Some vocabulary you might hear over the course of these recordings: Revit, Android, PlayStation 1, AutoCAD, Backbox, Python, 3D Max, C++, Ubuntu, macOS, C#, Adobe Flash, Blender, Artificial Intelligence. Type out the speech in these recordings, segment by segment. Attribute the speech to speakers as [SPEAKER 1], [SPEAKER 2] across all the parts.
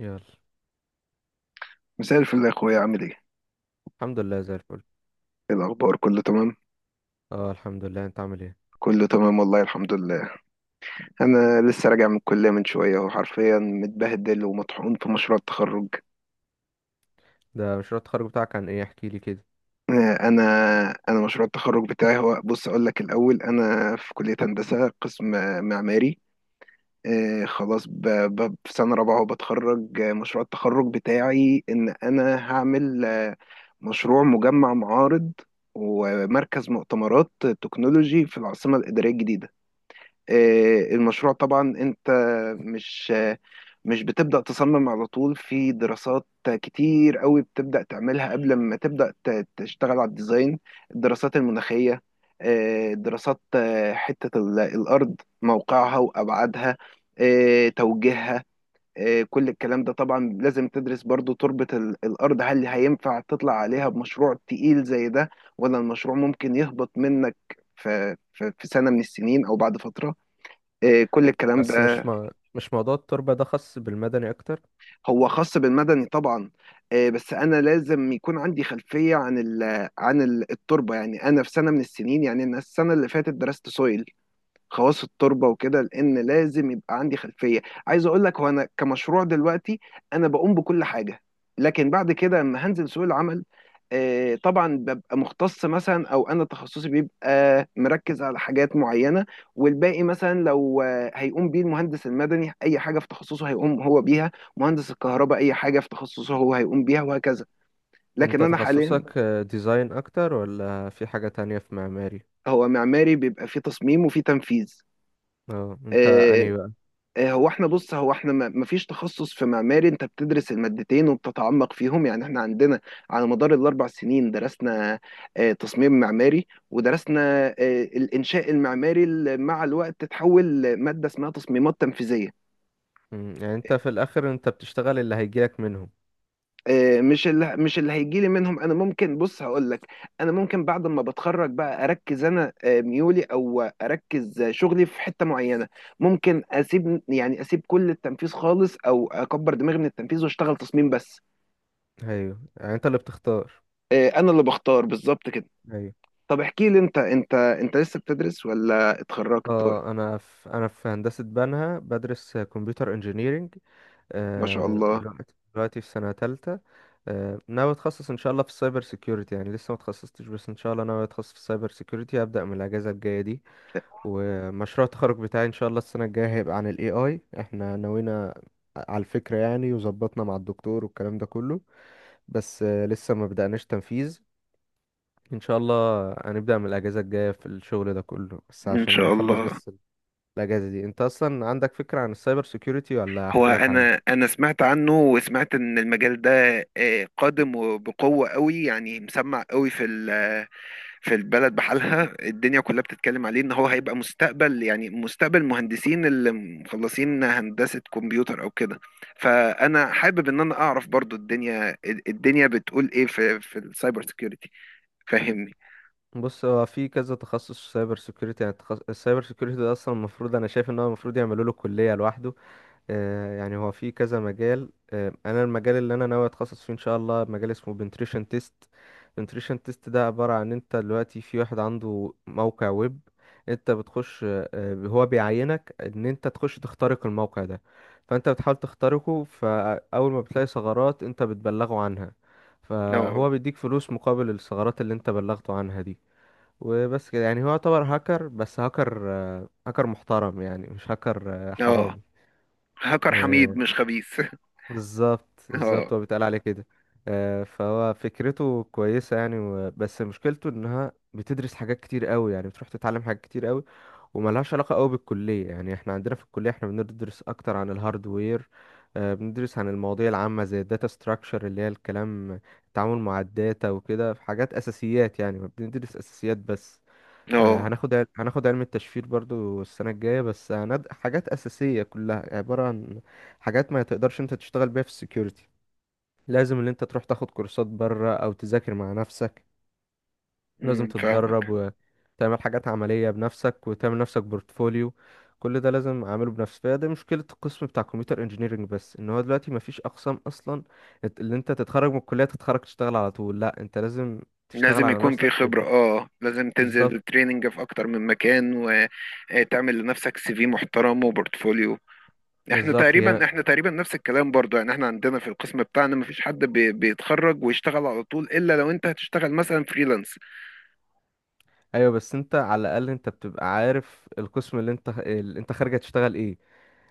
[SPEAKER 1] يلا.
[SPEAKER 2] مساء الفل يا اخويا، عامل ايه؟
[SPEAKER 1] الحمد لله زي الفل.
[SPEAKER 2] إيه الاخبار، كله تمام؟
[SPEAKER 1] اه، الحمد لله، انت عامل ايه؟
[SPEAKER 2] كله تمام والله، الحمد لله. انا لسه راجع من الكليه من شويه، اهو حرفيا متبهدل ومطحون في مشروع التخرج.
[SPEAKER 1] ده مشروع التخرج بتاعك عن ايه، احكي لي كده.
[SPEAKER 2] انا مشروع التخرج بتاعي هو، بص اقول لك الاول، انا في كليه هندسه قسم معماري. خلاص في سنه رابعه وبتخرج. مشروع التخرج بتاعي ان انا هعمل مشروع مجمع معارض، ومركز مؤتمرات تكنولوجي في العاصمه الاداريه الجديده. المشروع طبعا، انت مش آه، مش بتبدأ تصمم على طول، في دراسات كتير قوي بتبدأ تعملها قبل ما تبدأ تشتغل على الديزاين. الدراسات المناخية، دراسات، حتة الأرض، موقعها وأبعادها، توجيهها. كل الكلام ده طبعا لازم تدرس برضو تربة الأرض، هل هينفع تطلع عليها بمشروع تقيل زي ده، ولا المشروع ممكن يهبط منك في سنة من السنين أو بعد فترة. كل الكلام
[SPEAKER 1] بس
[SPEAKER 2] ده.
[SPEAKER 1] مش موضوع التربة ده خاص بالمدني اكتر؟
[SPEAKER 2] هو خاص بالمدني طبعا. بس انا لازم يكون عندي خلفيه عن التربه، يعني انا في سنه من السنين. يعني انا السنه اللي فاتت درست سويل، خواص التربه وكده، لان لازم يبقى عندي خلفيه. عايز اقول لك، هو انا كمشروع دلوقتي انا بقوم بكل حاجه، لكن بعد كده لما هنزل سوق العمل طبعا ببقى مختص مثلا، او انا تخصصي بيبقى مركز على حاجات معينه. والباقي مثلا لو هيقوم بيه المهندس المدني اي حاجه في تخصصه هيقوم هو بيها، مهندس الكهرباء اي حاجه في تخصصه هو هيقوم بيها، وهكذا. لكن
[SPEAKER 1] انت
[SPEAKER 2] انا حاليا.
[SPEAKER 1] تخصصك ديزاين اكتر، ولا في حاجة تانية في معماري؟
[SPEAKER 2] هو معماري بيبقى فيه تصميم وفيه تنفيذ.
[SPEAKER 1] اه، انت
[SPEAKER 2] آه،
[SPEAKER 1] انهي بقى؟
[SPEAKER 2] هو احنا، بص، هو احنا ما فيش تخصص في معماري، انت بتدرس المادتين وبتتعمق فيهم. يعني احنا عندنا على مدار ال4 سنين درسنا تصميم معماري، ودرسنا الانشاء المعماري اللي مع الوقت تتحول ماده اسمها تصميمات تنفيذيه.
[SPEAKER 1] يعني انت في الاخر انت بتشتغل اللي هيجيلك منهم.
[SPEAKER 2] مش اللي هيجي لي منهم. انا ممكن، بص هقول لك، انا ممكن بعد ما بتخرج بقى اركز انا ميولي، او اركز شغلي في حته معينه. ممكن اسيب، يعني اسيب كل التنفيذ خالص، او اكبر دماغي من التنفيذ واشتغل تصميم بس.
[SPEAKER 1] ايوه، يعني انت اللي بتختار.
[SPEAKER 2] إيه، انا اللي بختار بالظبط كده.
[SPEAKER 1] ايوه.
[SPEAKER 2] طب احكي لي انت، انت لسه بتدرس ولا اتخرجت؟
[SPEAKER 1] اه، انا في انا في هندسة بنها، بدرس كمبيوتر انجينيرينج.
[SPEAKER 2] ما شاء الله.
[SPEAKER 1] دلوقتي في سنة تالتة. ناوي اتخصص ان شاء الله في السايبر سيكيورتي، يعني لسه ما اتخصصتش، بس ان شاء الله ناوي اتخصص في السايبر سيكيورتي، هبدأ من الاجازة الجاية دي. ومشروع التخرج بتاعي ان شاء الله السنة الجاية هيبقى عن الاي، احنا نوينا على الفكرة يعني، وظبطنا مع الدكتور والكلام ده كله، بس لسه ما بدأناش تنفيذ. ان شاء الله هنبدأ من الاجازة الجاية في الشغل ده كله، بس
[SPEAKER 2] ان
[SPEAKER 1] عشان
[SPEAKER 2] شاء
[SPEAKER 1] نخلص
[SPEAKER 2] الله.
[SPEAKER 1] بس. الاجازة دي، انت اصلا عندك فكرة عن السايبر سيكيورتي، ولا
[SPEAKER 2] هو،
[SPEAKER 1] احكي لك عنه؟
[SPEAKER 2] انا سمعت عنه، وسمعت ان المجال ده قادم وبقوة قوي، يعني مسمع قوي في في البلد بحالها، الدنيا كلها بتتكلم عليه ان هو هيبقى مستقبل، يعني مستقبل مهندسين اللي مخلصين هندسة كمبيوتر او كده. فانا حابب ان انا اعرف برضو الدنيا، بتقول ايه في السايبر سيكيورتي. فاهمني؟
[SPEAKER 1] بص، هو في كذا تخصص سايبر سيكيورتي، يعني السايبر سيكيورتي ده اصلا المفروض، انا شايف ان هو المفروض يعملوا له كليه لوحده. آه، يعني هو في كذا مجال. آه، انا المجال اللي انا ناوي اتخصص فيه ان شاء الله مجال اسمه بنتريشن تيست. بنتريشن تيست ده عباره عن انت دلوقتي في واحد عنده موقع ويب، انت بتخش، هو بيعينك ان انت تخش تخترق الموقع ده، فانت بتحاول تخترقه، فاول ما بتلاقي ثغرات انت بتبلغه عنها،
[SPEAKER 2] اه.
[SPEAKER 1] فهو بيديك فلوس مقابل الثغرات اللي انت بلغته عنها دي. وبس كده، يعني هو يعتبر هاكر، بس هاكر، هاكر محترم يعني، مش هاكر
[SPEAKER 2] اه،
[SPEAKER 1] حرامي.
[SPEAKER 2] هاكر حميد
[SPEAKER 1] آه،
[SPEAKER 2] مش خبيث.
[SPEAKER 1] بالظبط
[SPEAKER 2] اه.
[SPEAKER 1] بالظبط، هو بيتقال عليه كده. فهو فكرته كويسة يعني، بس مشكلته انها بتدرس حاجات كتير قوي، يعني بتروح تتعلم حاجات كتير قوي وملهاش علاقة قوي بالكلية. يعني احنا عندنا في الكلية احنا بندرس اكتر عن الهاردوير. بندرس عن المواضيع العامة زي الداتا ستراكشر، اللي هي الكلام التعامل مع الداتا وكده، في حاجات اساسيات يعني، بندرس اساسيات بس.
[SPEAKER 2] اه.
[SPEAKER 1] هناخد علم التشفير برضو السنة الجاية، بس حاجات أساسية كلها، عبارة عن حاجات ما تقدرش انت تشتغل بيها في السكيورتي. لازم ان انت تروح تاخد كورسات بره، او تذاكر مع نفسك، لازم تتدرب
[SPEAKER 2] فاهمك.
[SPEAKER 1] وتعمل حاجات عملية بنفسك وتعمل نفسك بورتفوليو. كل ده لازم اعمله بنفسي، فهي دي مشكلة القسم بتاع كمبيوتر انجينيرنج، بس ان هو دلوقتي مفيش اقسام اصلا. اللي انت تتخرج من الكلية تتخرج تشتغل على طول، لا، انت لازم تشتغل
[SPEAKER 2] لازم
[SPEAKER 1] على
[SPEAKER 2] يكون في
[SPEAKER 1] نفسك.
[SPEAKER 2] خبرة. اه، لازم
[SPEAKER 1] بالظبط
[SPEAKER 2] تنزل تريننج في اكتر من مكان، وتعمل لنفسك سي في محترم وبورتفوليو.
[SPEAKER 1] بالظبط هي.
[SPEAKER 2] احنا تقريبا نفس الكلام برضو. يعني احنا عندنا في القسم بتاعنا مفيش حد بيتخرج ويشتغل على طول، الا لو انت هتشتغل مثلا فريلانس.
[SPEAKER 1] ايوه، بس انت على الاقل انت بتبقى عارف القسم اللي انت خارج هتشتغل ايه.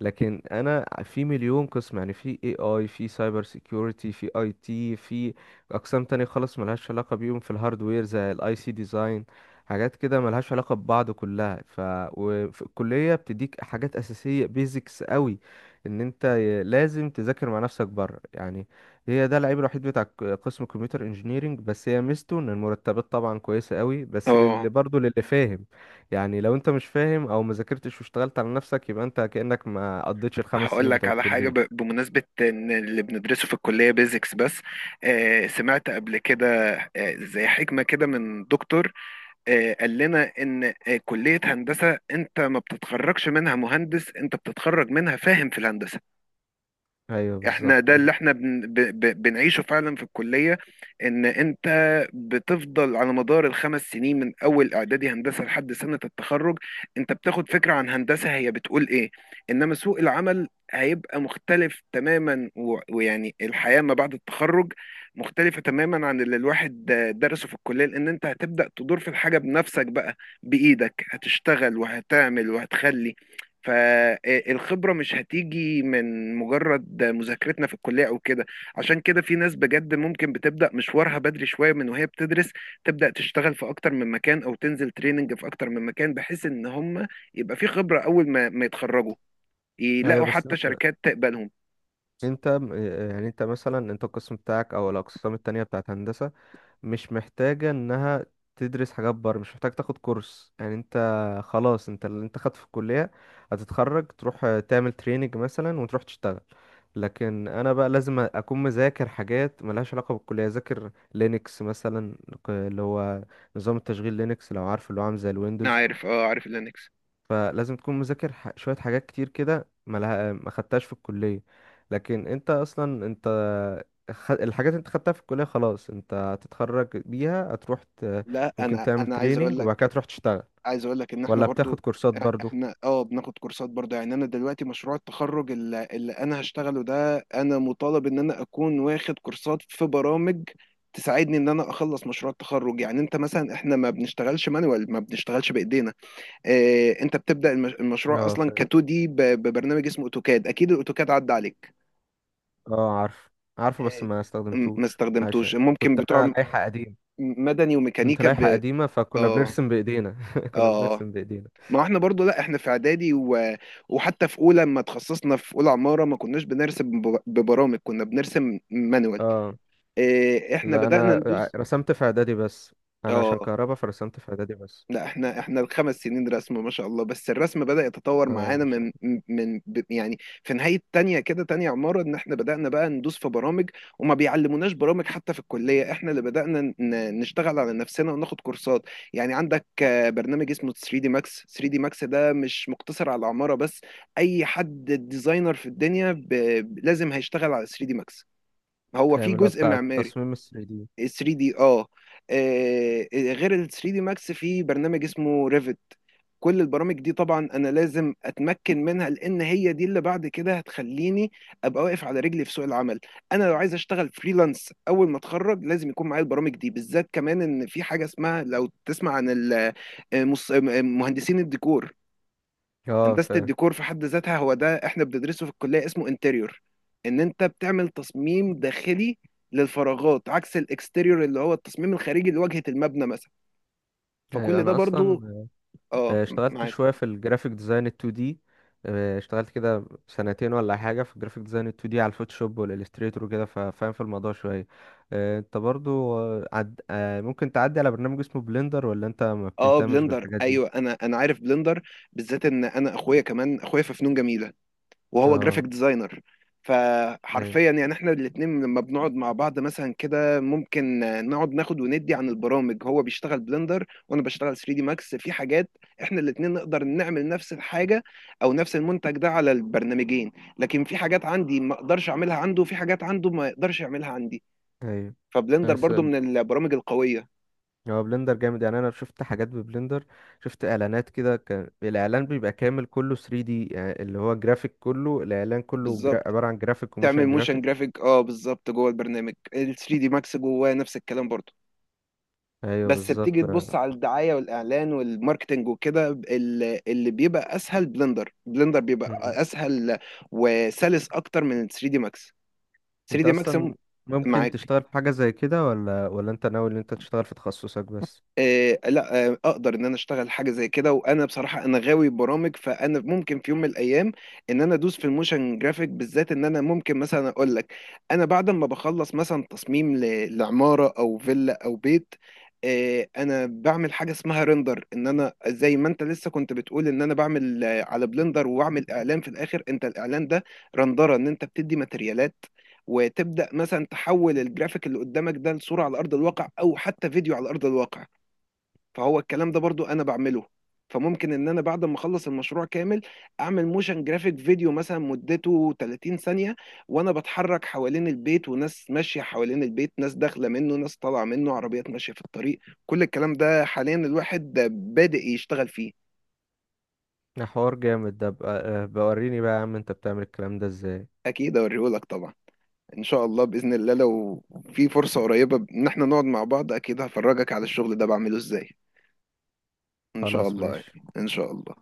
[SPEAKER 1] لكن انا في مليون قسم، يعني في اي في سايبر سيكيورتي، في اي تي، في اقسام تانية خالص ملهاش علاقة بيهم، في الهاردوير زي الاي سي ديزاين، حاجات كده ملهاش علاقة ببعض كلها، ف وفي الكلية بتديك حاجات أساسية بيزكس قوي، ان انت لازم تذاكر مع نفسك بره يعني. هي ده العيب الوحيد بتاع قسم كمبيوتر انجينيرينج، بس هي ميزته ان المرتبات طبعا كويسة قوي، بس
[SPEAKER 2] اه.
[SPEAKER 1] للي برضه للي فاهم. يعني لو انت مش فاهم، او ما ذاكرتش واشتغلت على نفسك، يبقى انت كأنك ما قضيتش الخمس
[SPEAKER 2] هقول
[SPEAKER 1] سنين
[SPEAKER 2] لك
[SPEAKER 1] بتوع
[SPEAKER 2] على حاجة،
[SPEAKER 1] الكلية.
[SPEAKER 2] بمناسبة إن اللي بندرسه في الكلية بيزكس بس. سمعت قبل كده زي حكمة كده من دكتور. قال لنا ان كلية هندسة انت ما بتتخرجش منها مهندس، انت بتتخرج منها فاهم في الهندسة.
[SPEAKER 1] ايوه
[SPEAKER 2] احنا
[SPEAKER 1] بالظبط.
[SPEAKER 2] ده اللي احنا بنعيشه فعلا في الكلية. ان انت بتفضل على مدار ال5 سنين من اول اعدادي هندسة لحد سنة التخرج، انت بتاخد فكرة عن هندسة هي بتقول ايه. انما سوق العمل هيبقى مختلف تماما ويعني الحياة ما بعد التخرج مختلفة تماما عن اللي الواحد درسه في الكلية، لان انت هتبدأ تدور في الحاجة بنفسك بقى. بإيدك هتشتغل وهتعمل وهتخلي، فالخبرة مش هتيجي من مجرد مذاكرتنا في الكلية أو كده. عشان كده في ناس بجد ممكن بتبدأ مشوارها بدري شوية من وهي بتدرس، تبدأ تشتغل في أكتر من مكان أو تنزل تريننج في أكتر من مكان، بحيث إن هم يبقى في خبرة أول ما يتخرجوا،
[SPEAKER 1] ايوه
[SPEAKER 2] يلاقوا
[SPEAKER 1] بس
[SPEAKER 2] حتى شركات تقبلهم.
[SPEAKER 1] انت م- يعني انت مثلا، انت القسم بتاعك او الاقسام التانية بتاعت هندسة، مش محتاجة انها تدرس حاجات بره، مش محتاج تاخد كورس يعني. انت خلاص، انت اللي انت خدت في الكلية، هتتخرج تروح تعمل تريننج مثلا وتروح تشتغل. لكن انا بقى لازم اكون مذاكر حاجات ملهاش علاقة بالكلية، اذاكر لينكس مثلا، اللي هو نظام التشغيل لينكس، لو عارف، اللي هو عامل زي
[SPEAKER 2] أنا
[SPEAKER 1] الويندوز.
[SPEAKER 2] عارف. أه، عارف اللينكس.
[SPEAKER 1] فلازم تكون مذاكر شوية حاجات كتير كده ما خدتهاش في الكلية. لكن انت اصلا انت الحاجات اللي انت خدتها في الكلية خلاص، انت هتتخرج بيها،
[SPEAKER 2] لا،
[SPEAKER 1] ممكن
[SPEAKER 2] أنا
[SPEAKER 1] تعمل
[SPEAKER 2] أنا عايز أقول
[SPEAKER 1] تريننج
[SPEAKER 2] لك،
[SPEAKER 1] وبعد كده تروح تشتغل،
[SPEAKER 2] عايز اقول لك ان احنا
[SPEAKER 1] ولا بتاخد
[SPEAKER 2] برضو،
[SPEAKER 1] كورسات برضو.
[SPEAKER 2] احنا، اه، بناخد كورسات برضو. يعني انا دلوقتي مشروع التخرج اللي انا هشتغله ده، انا مطالب ان انا اكون واخد كورسات في برامج تساعدني ان انا اخلص مشروع التخرج. يعني انت مثلا، احنا ما بنشتغلش مانوال، ما بنشتغلش بايدينا. اه، انت بتبدا المشروع
[SPEAKER 1] اه
[SPEAKER 2] اصلا ك
[SPEAKER 1] فاهم.
[SPEAKER 2] 2 دي ببرنامج اسمه اوتوكاد. اكيد الاوتوكاد عدى عليك.
[SPEAKER 1] اه عارف، عارفه،
[SPEAKER 2] اه.
[SPEAKER 1] بس ما
[SPEAKER 2] ما
[SPEAKER 1] استخدمتوش
[SPEAKER 2] استخدمتوش،
[SPEAKER 1] عشان
[SPEAKER 2] ممكن
[SPEAKER 1] كنت
[SPEAKER 2] بتوع
[SPEAKER 1] انا لائحة قديم.
[SPEAKER 2] مدني
[SPEAKER 1] كنت
[SPEAKER 2] وميكانيكا
[SPEAKER 1] لائحة قديمة، فكنا
[SPEAKER 2] اه.
[SPEAKER 1] بنرسم بإيدينا كنا
[SPEAKER 2] اه،
[SPEAKER 1] بنرسم بإيدينا.
[SPEAKER 2] ما احنا برضو، لا احنا في اعدادي وحتى في اولى، لما تخصصنا في اولى عمارة ما كناش بنرسم ببرامج، كنا بنرسم مانوال.
[SPEAKER 1] اه
[SPEAKER 2] اه، احنا
[SPEAKER 1] لا،
[SPEAKER 2] بدأنا
[SPEAKER 1] انا
[SPEAKER 2] ندوس.
[SPEAKER 1] رسمت في اعدادي بس، انا عشان
[SPEAKER 2] اه،
[SPEAKER 1] كهربا فرسمت في اعدادي بس.
[SPEAKER 2] لا، احنا ال5 سنين رسم ما شاء الله. بس الرسم بدأ يتطور معانا
[SPEAKER 1] اه
[SPEAKER 2] من يعني في نهاية تانية كده، تانية عمارة ان احنا بدأنا بقى ندوس في برامج. وما بيعلموناش برامج حتى في الكلية، احنا اللي بدأنا نشتغل على نفسنا وناخد كورسات. يعني عندك برنامج اسمه 3 دي ماكس. 3 دي ماكس ده مش مقتصر على العمارة بس، اي حد ديزاينر في الدنيا لازم هيشتغل على 3 دي ماكس. هو في
[SPEAKER 1] فاهم، اللي هو
[SPEAKER 2] جزء
[SPEAKER 1] بتاع
[SPEAKER 2] معماري
[SPEAKER 1] التصميم ال 3D.
[SPEAKER 2] 3 دي. اه. غير ال 3 دي ماكس في برنامج اسمه ريفت. كل البرامج دي طبعا انا لازم اتمكن منها، لان هي دي اللي بعد كده هتخليني ابقى واقف على رجلي في سوق العمل. انا لو عايز اشتغل فريلانس اول ما اتخرج لازم يكون معايا البرامج دي بالذات، كمان ان في حاجه اسمها، لو تسمع عن مص- مهندسين الديكور.
[SPEAKER 1] اه
[SPEAKER 2] هندسه
[SPEAKER 1] فاهم.
[SPEAKER 2] الديكور في حد ذاتها هو ده احنا بندرسه في الكليه، اسمه انتريور. ان انت بتعمل تصميم داخلي للفراغات، عكس الاكستيريور اللي هو التصميم الخارجي لواجهه المبنى مثلا.
[SPEAKER 1] ايوه
[SPEAKER 2] فكل ده
[SPEAKER 1] انا اصلا
[SPEAKER 2] برضو. اه.
[SPEAKER 1] اشتغلت
[SPEAKER 2] معاك.
[SPEAKER 1] شويه في الجرافيك ديزاين ال 2D. اشتغلت كده سنتين ولا حاجه في الجرافيك ديزاين ال 2D على الفوتوشوب والاليستريتور وكده، ففاهم في الموضوع شويه. انت برضو، آه، عد... آه، ممكن تعدي على برنامج اسمه بلندر، ولا انت ما
[SPEAKER 2] اه،
[SPEAKER 1] بتهتمش
[SPEAKER 2] بلندر،
[SPEAKER 1] بالحاجات دي؟
[SPEAKER 2] ايوه، انا عارف بلندر، بالذات ان انا اخويا، كمان اخويا في فنون جميله وهو جرافيك
[SPEAKER 1] اه
[SPEAKER 2] ديزاينر.
[SPEAKER 1] ايوه
[SPEAKER 2] فحرفيا يعني احنا الاتنين لما بنقعد مع بعض مثلا كده، ممكن نقعد ناخد وندي عن البرامج. هو بيشتغل بلندر وانا بشتغل 3 دي ماكس. في حاجات احنا الاتنين نقدر نعمل نفس الحاجه، او نفس المنتج ده على البرنامجين. لكن في حاجات عندي ما اقدرش اعملها عنده، وفي حاجات عنده ما يقدرش يعملها عندي.
[SPEAKER 1] ايوه.
[SPEAKER 2] فبلندر
[SPEAKER 1] بس
[SPEAKER 2] برضو من البرامج القويه.
[SPEAKER 1] هو بلندر جامد يعني، انا شفت حاجات ببلندر، شفت اعلانات كده كان الاعلان بيبقى كامل كله 3D، يعني اللي هو جرافيك كله، الاعلان كله
[SPEAKER 2] بالظبط.
[SPEAKER 1] عبارة عن جرافيك
[SPEAKER 2] تعمل
[SPEAKER 1] وموشن
[SPEAKER 2] موشن
[SPEAKER 1] جرافيك.
[SPEAKER 2] جرافيك، اه بالظبط، جوه البرنامج ال 3 دي ماكس، جواه نفس الكلام برضه.
[SPEAKER 1] ايوه
[SPEAKER 2] بس بتيجي
[SPEAKER 1] بالظبط.
[SPEAKER 2] تبص على الدعايه والاعلان والماركتنج وكده، اللي بيبقى اسهل بلندر بيبقى
[SPEAKER 1] مم.
[SPEAKER 2] اسهل وسلس اكتر من ال 3 دي ماكس. 3
[SPEAKER 1] انت
[SPEAKER 2] دي ماكس.
[SPEAKER 1] اصلا ممكن
[SPEAKER 2] معاك.
[SPEAKER 1] تشتغل في حاجة زي كده، ولا انت ناوي ان انت تشتغل في تخصصك بس؟
[SPEAKER 2] لا، اقدر ان انا اشتغل حاجه زي كده. وانا بصراحه انا غاوي برامج، فانا ممكن في يوم من الايام ان انا ادوس في الموشن جرافيك. بالذات ان انا ممكن مثلا اقول لك، انا بعد ما بخلص مثلا تصميم لعماره او فيلا او بيت، انا بعمل حاجه اسمها ريندر، ان انا زي ما انت لسه كنت بتقول ان انا بعمل على بلندر واعمل اعلان في الاخر. انت الاعلان ده رندره، ان انت بتدي ماتريالات وتبدا مثلا تحول الجرافيك اللي قدامك ده لصوره على ارض الواقع، او حتى فيديو على ارض الواقع. فهو الكلام ده برضو انا بعمله. فممكن ان انا بعد ما اخلص المشروع كامل، اعمل موشن جرافيك فيديو مثلا مدته 30 ثانية، وانا بتحرك حوالين البيت، وناس ماشية حوالين البيت، ناس داخلة منه، ناس طالعة منه، عربيات ماشية في الطريق. كل الكلام ده حاليا الواحد بادئ يشتغل فيه.
[SPEAKER 1] ده حوار جامد ده بقى... بوريني بقى يا عم، انت بتعمل الكلام ده ازاي؟
[SPEAKER 2] اكيد اوريهولك طبعا. ان شاء الله باذن الله، لو في فرصة قريبة ان احنا نقعد مع بعض اكيد هفرجك على الشغل ده بعمله ازاي. ان شاء
[SPEAKER 1] خلاص
[SPEAKER 2] الله.
[SPEAKER 1] ماشي.
[SPEAKER 2] ان شاء الله.